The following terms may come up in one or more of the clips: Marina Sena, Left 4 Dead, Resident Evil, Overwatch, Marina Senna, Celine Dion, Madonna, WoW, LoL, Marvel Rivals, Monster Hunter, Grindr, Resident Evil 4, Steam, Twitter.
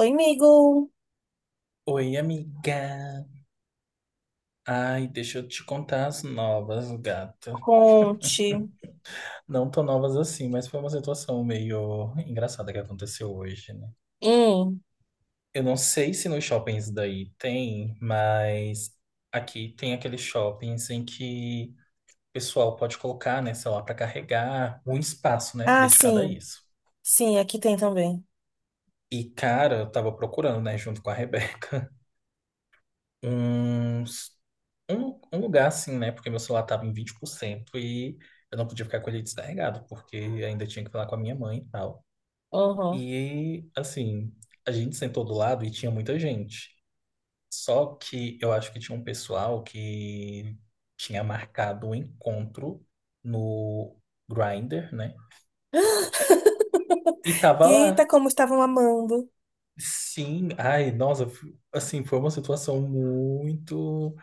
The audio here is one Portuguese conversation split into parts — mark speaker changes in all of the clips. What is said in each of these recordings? Speaker 1: Oi, amigo.
Speaker 2: Oi, amiga. Ai, deixa eu te contar as novas, gata.
Speaker 1: Conte.
Speaker 2: Não tão novas assim, mas foi uma situação meio engraçada que aconteceu hoje, né?
Speaker 1: Hum.
Speaker 2: Eu não sei se nos shoppings daí tem, mas aqui tem aqueles shoppings em que o pessoal pode colocar, né, sei lá, pra carregar um espaço, né,
Speaker 1: Ah,
Speaker 2: dedicado a
Speaker 1: sim.
Speaker 2: isso.
Speaker 1: Sim, aqui tem também.
Speaker 2: E, cara, eu tava procurando, né, junto com a Rebeca. um um lugar assim, né? Porque meu celular tava em 20% e eu não podia ficar com ele descarregado, porque ainda tinha que falar com a minha mãe e tal.
Speaker 1: Uhum.
Speaker 2: E assim, a gente sentou do lado e tinha muita gente. Só que eu acho que tinha um pessoal que tinha marcado um encontro no Grindr, né? E tava
Speaker 1: Eita,
Speaker 2: lá.
Speaker 1: como estavam amando.
Speaker 2: Sim, ai, nossa, assim, foi uma situação muito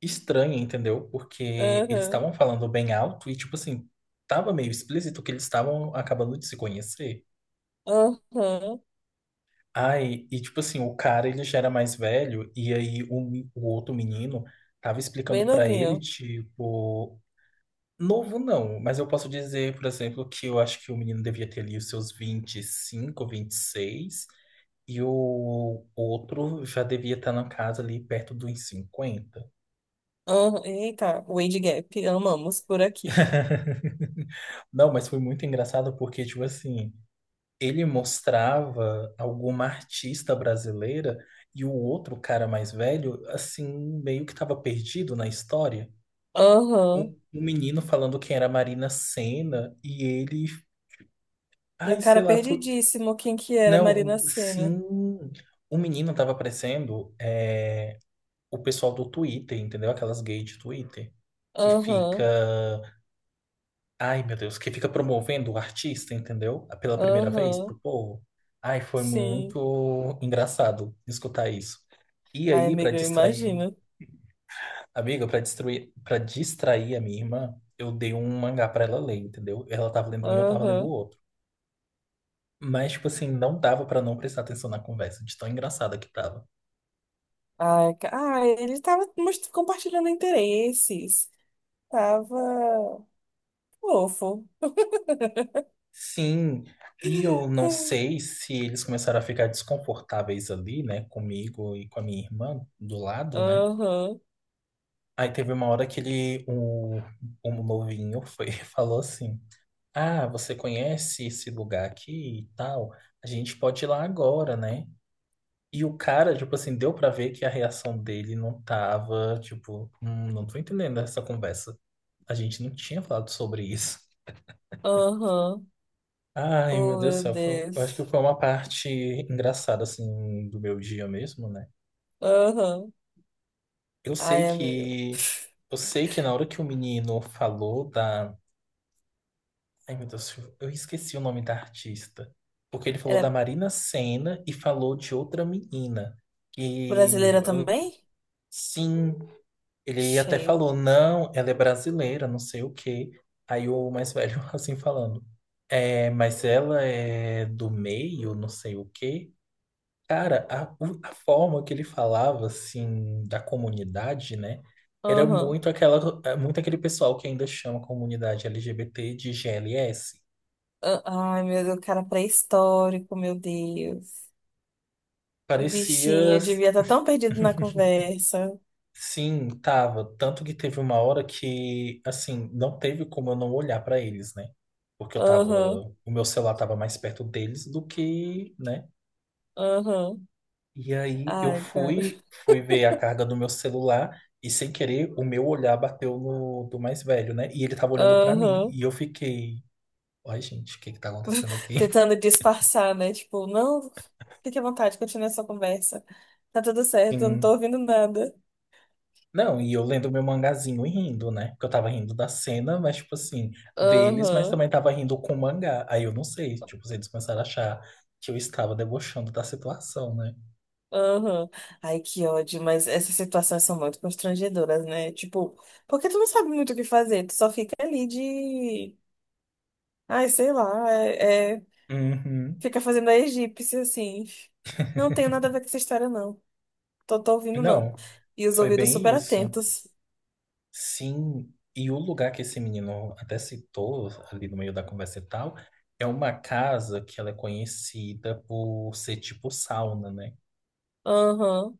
Speaker 2: estranha, entendeu? Porque eles
Speaker 1: Uhum.
Speaker 2: estavam falando bem alto e, tipo assim, tava meio explícito que eles estavam acabando de se conhecer.
Speaker 1: Uhum.
Speaker 2: Ai, e tipo assim, o cara ele já era mais velho e aí o outro menino tava
Speaker 1: Bem
Speaker 2: explicando pra ele,
Speaker 1: novinho.
Speaker 2: tipo, novo não, mas eu posso dizer, por exemplo, que eu acho que o menino devia ter ali os seus 25, 26 e o outro já devia estar na casa ali perto dos 50.
Speaker 1: Uhum. Eita, o age Gap. Amamos por aqui.
Speaker 2: Não, mas foi muito engraçado porque, tipo assim, ele mostrava alguma artista brasileira e o outro cara mais velho, assim, meio que tava perdido na história.
Speaker 1: Uhum.
Speaker 2: Um menino falando quem era Marina Senna e ele,
Speaker 1: E o
Speaker 2: ai, sei
Speaker 1: cara
Speaker 2: lá, foi.
Speaker 1: perdidíssimo, quem que era? Marina
Speaker 2: Não,
Speaker 1: Sena.
Speaker 2: sim, o menino tava aparecendo é, o pessoal do Twitter, entendeu? Aquelas gays de Twitter que fica.
Speaker 1: Aham.
Speaker 2: Ai, meu Deus, que fica promovendo o artista, entendeu? Pela primeira vez
Speaker 1: Aham.
Speaker 2: pro povo. Ai, foi
Speaker 1: Sim.
Speaker 2: muito engraçado escutar isso. E
Speaker 1: Ai,
Speaker 2: aí, pra
Speaker 1: amiga, eu
Speaker 2: distrair,
Speaker 1: imagino.
Speaker 2: amiga, pra destruir, para distrair a minha irmã, eu dei um mangá pra ela ler, entendeu? Ela tava lendo um e eu tava lendo o
Speaker 1: Aham.
Speaker 2: outro. Mas, tipo assim, não dava pra não prestar atenção na conversa, de tão engraçada que tava.
Speaker 1: Ai, ele tava compartilhando interesses. Tava fofo.
Speaker 2: Sim, e eu não sei se eles começaram a ficar desconfortáveis ali, né, comigo e com a minha irmã do lado, né?
Speaker 1: Aham,
Speaker 2: Aí teve uma hora que o novinho foi, falou assim: Ah, você conhece esse lugar aqui e tal? A gente pode ir lá agora, né? E o cara, tipo assim, deu pra ver que a reação dele não tava, tipo, não tô entendendo essa conversa. A gente não tinha falado sobre isso."
Speaker 1: aham.
Speaker 2: Ai, meu
Speaker 1: Oh,
Speaker 2: Deus do
Speaker 1: meu
Speaker 2: céu, eu acho que
Speaker 1: Deus.
Speaker 2: foi uma parte engraçada, assim, do meu dia mesmo, né?
Speaker 1: Aham.
Speaker 2: Eu sei
Speaker 1: Ai, amigo.
Speaker 2: que, eu sei que na hora que o menino falou da... Ai, meu Deus, eu esqueci o nome da artista. Porque ele falou da
Speaker 1: Era
Speaker 2: Marina Senna e falou de outra menina. E
Speaker 1: brasileira também?
Speaker 2: sim, ele até
Speaker 1: Cheio.
Speaker 2: falou, não, ela é brasileira, não sei o quê. Aí o mais velho assim falando. É, mas ela é do meio, não sei o quê. Cara, a forma que ele falava, assim, da comunidade, né? Era
Speaker 1: Aham.
Speaker 2: muito aquela, é, muito aquele pessoal que ainda chama a comunidade LGBT de GLS.
Speaker 1: Ah, ai, meu Deus, cara pré-histórico, meu Deus. Bichinho,
Speaker 2: Parecia,
Speaker 1: eu devia estar tão perdido na conversa.
Speaker 2: sim, tava. Tanto que teve uma hora que, assim, não teve como eu não olhar pra eles, né? Porque eu tava,
Speaker 1: Aham,
Speaker 2: o meu celular tava mais perto deles do que, né?
Speaker 1: aham.
Speaker 2: E aí eu
Speaker 1: Ai, cara.
Speaker 2: fui, fui ver a carga do meu celular e sem querer o meu olhar bateu no do mais velho, né? E ele tava olhando pra mim
Speaker 1: Aham.
Speaker 2: e eu fiquei, ai, gente, o que que tá acontecendo aqui?
Speaker 1: Tentando disfarçar, né? Tipo, não, fique à vontade, continue essa conversa. Tá tudo certo, eu não tô
Speaker 2: Sim.
Speaker 1: ouvindo nada.
Speaker 2: Não, e eu lendo meu mangazinho e rindo, né? Porque eu tava rindo da cena, mas, tipo assim, deles, mas
Speaker 1: Aham,
Speaker 2: também tava rindo com o mangá. Aí eu não sei, tipo, se eles começaram a achar que eu estava debochando da situação, né?
Speaker 1: aham. Ai, que ódio, mas essas situações são muito constrangedoras, né? Tipo, porque tu não sabe muito o que fazer, tu só fica ali de. Ai, sei lá,
Speaker 2: Uhum.
Speaker 1: fica fazendo a egípcia assim. Não tenho nada a ver com essa história, não. Tô, tô ouvindo, não.
Speaker 2: Não,
Speaker 1: E os
Speaker 2: foi
Speaker 1: ouvidos super
Speaker 2: bem isso.
Speaker 1: atentos.
Speaker 2: Sim, e o lugar que esse menino até citou ali no meio da conversa e tal, é uma casa que ela é conhecida por ser tipo sauna, né?
Speaker 1: Aham,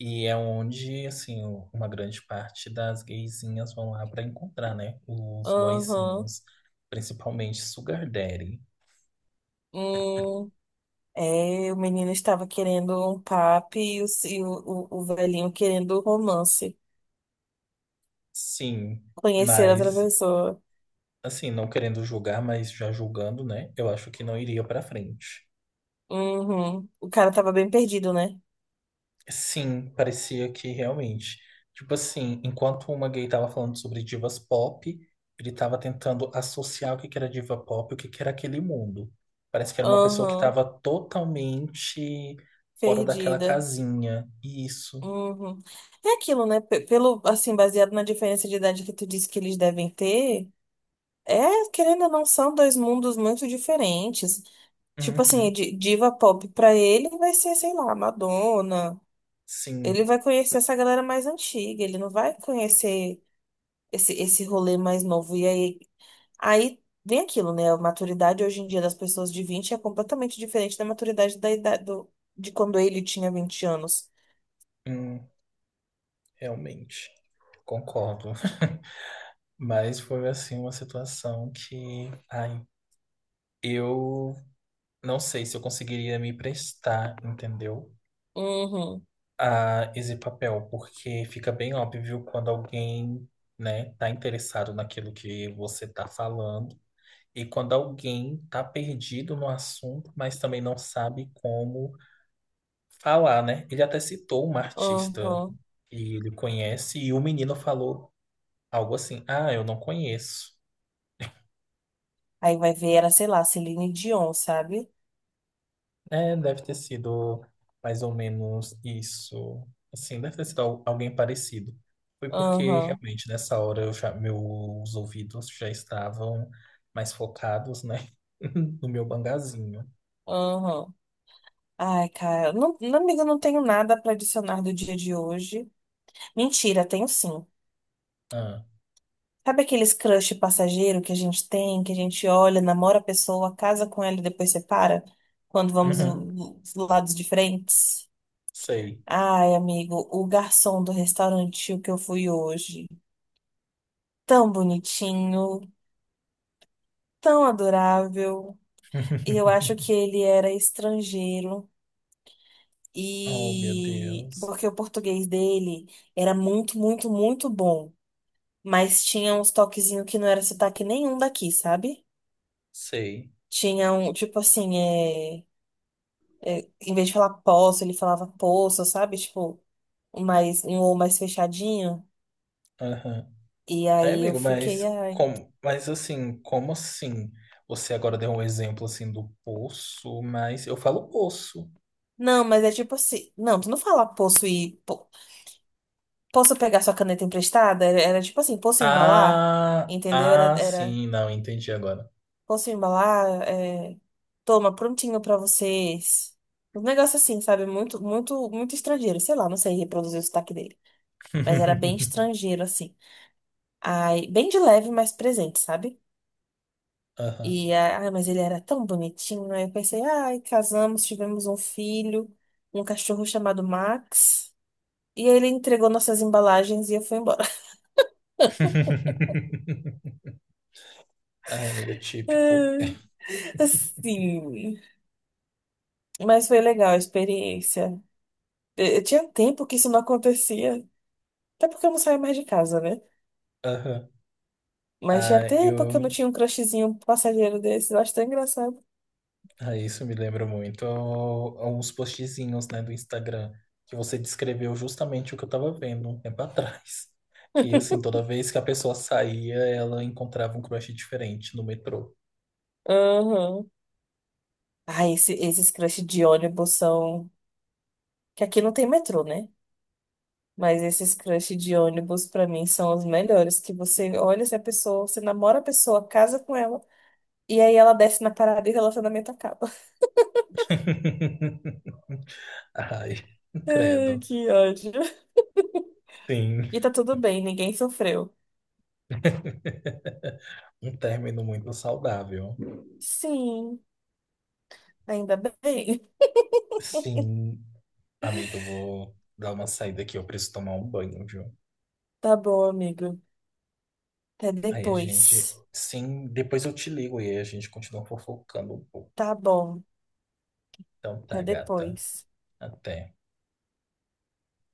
Speaker 2: E é onde, assim, uma grande parte das gaysinhas vão lá pra encontrar, né? Os
Speaker 1: aham.
Speaker 2: boyzinhos, principalmente Sugar Daddy.
Speaker 1: Uhum. É, o menino estava querendo um papo e o velhinho querendo um romance.
Speaker 2: Sim,
Speaker 1: Conhecer outra
Speaker 2: mas,
Speaker 1: pessoa.
Speaker 2: assim, não querendo julgar, mas já julgando, né? Eu acho que não iria pra frente.
Speaker 1: Uhum. O cara tava bem perdido, né?
Speaker 2: Sim, parecia que realmente. Tipo assim, enquanto uma gay tava falando sobre divas pop, ele tava tentando associar o que que era diva pop e o que que era aquele mundo. Parece que era uma pessoa que
Speaker 1: Uhum.
Speaker 2: tava totalmente fora daquela
Speaker 1: Perdida.
Speaker 2: casinha. Isso.
Speaker 1: Uhum. É aquilo, né? Pelo, assim, baseado na diferença de idade que tu disse que eles devem ter, é, querendo ou não, são dois mundos muito diferentes. Tipo assim,
Speaker 2: Uhum.
Speaker 1: diva pop pra ele vai ser, sei lá, Madonna. Ele
Speaker 2: Sim,
Speaker 1: vai conhecer essa galera mais antiga, ele não vai conhecer esse, esse rolê mais novo. E aí, aí vem aquilo, né? A maturidade hoje em dia das pessoas de 20 é completamente diferente da maturidade da idade do, de quando ele tinha 20 anos.
Speaker 2: hum, realmente. Concordo. Mas foi assim uma situação que, ai, eu não sei se eu conseguiria me prestar, entendeu?
Speaker 1: Uhum,
Speaker 2: A esse papel, porque fica bem óbvio quando alguém, né, tá interessado naquilo que você tá falando e quando alguém tá perdido no assunto, mas também não sabe como falar, né? Ele até citou uma artista
Speaker 1: uhum.
Speaker 2: que ele conhece e o menino falou algo assim: "Ah, eu não conheço".
Speaker 1: Aí vai ver, era, sei lá, Celine Dion, sabe?
Speaker 2: É, deve ter sido mais ou menos isso. Assim, deve ter sido alguém parecido. Foi porque
Speaker 1: Uhum,
Speaker 2: realmente nessa hora eu já, meus ouvidos já estavam mais focados, né? No meu bangazinho.
Speaker 1: uhum. Ai, cara, não, não, amiga, eu não tenho nada pra adicionar do dia de hoje. Mentira, tenho sim.
Speaker 2: Ah,
Speaker 1: Sabe aqueles crush passageiro que a gente tem, que a gente olha, namora a pessoa, casa com ela e depois separa? Quando vamos em
Speaker 2: uhum,
Speaker 1: lados diferentes?
Speaker 2: sei.
Speaker 1: Ai, amigo, o garçom do restaurante que eu fui hoje. Tão bonitinho, tão adorável. E eu acho que ele era estrangeiro.
Speaker 2: Oh, meu
Speaker 1: E
Speaker 2: Deus.
Speaker 1: porque o português dele era muito, muito, muito bom. Mas tinha uns toquezinhos que não era sotaque nenhum daqui, sabe?
Speaker 2: Sei.
Speaker 1: Tinha um, tipo assim, em vez de falar posso, ele falava poço, sabe? Tipo, um mais, um ou mais fechadinho.
Speaker 2: Aham.
Speaker 1: E
Speaker 2: Aí,
Speaker 1: aí eu
Speaker 2: amigo,
Speaker 1: fiquei,
Speaker 2: mas
Speaker 1: ai.
Speaker 2: como, mas assim, como assim? Você agora deu um exemplo assim do poço, mas eu falo poço.
Speaker 1: Não, mas é tipo assim. Não, tu não fala posso e posso. Pegar sua caneta emprestada? Era, era tipo assim, posso embalar? Entendeu? Era, era
Speaker 2: Sim, não, entendi agora.
Speaker 1: posso embalar? É, toma, prontinho pra vocês. Um negócio assim, sabe? Muito, muito, muito estrangeiro. Sei lá, não sei reproduzir o sotaque dele. Mas era bem estrangeiro, assim. Ai, bem de leve, mas presente, sabe?
Speaker 2: Aham.
Speaker 1: E, ah, mas ele era tão bonitinho. Aí eu pensei, ai, casamos, tivemos um filho, um cachorro chamado Max. E ele entregou nossas embalagens e eu fui embora.
Speaker 2: Ai, amigo, típico.
Speaker 1: Assim, mas foi legal a experiência. Eu tinha tempo que isso não acontecia. Até porque eu não saía mais de casa, né?
Speaker 2: Aham.
Speaker 1: Mas tinha
Speaker 2: Ah,
Speaker 1: tempo que eu não
Speaker 2: eu.
Speaker 1: tinha um crushzinho passageiro desse. Eu acho tão engraçado.
Speaker 2: Ah, isso me lembra muito uns postzinhos, né, do Instagram, que você descreveu justamente o que eu tava vendo um tempo atrás. Que, assim, toda vez que a pessoa saía, ela encontrava um crush diferente no metrô.
Speaker 1: Aham. Ah, esse, esses crush de ônibus são. Que aqui não tem metrô, né? Mas esses crush de ônibus, pra mim, são os melhores. Que você olha se a pessoa, você namora a pessoa, casa com ela, e aí ela desce na parada e o relacionamento acaba.
Speaker 2: Ai,
Speaker 1: Ai,
Speaker 2: credo.
Speaker 1: que ódio.
Speaker 2: Sim.
Speaker 1: E tá tudo bem, ninguém sofreu.
Speaker 2: Um término muito saudável.
Speaker 1: Sim, ainda bem.
Speaker 2: Sim, amiga, eu vou dar uma saída aqui, eu preciso tomar um banho, viu?
Speaker 1: Tá bom, amigo. Até
Speaker 2: Aí a gente.
Speaker 1: depois.
Speaker 2: Sim, depois eu te ligo e aí a gente continua fofocando um pouco.
Speaker 1: Tá bom,
Speaker 2: Então tá,
Speaker 1: até
Speaker 2: gata.
Speaker 1: depois.
Speaker 2: Até.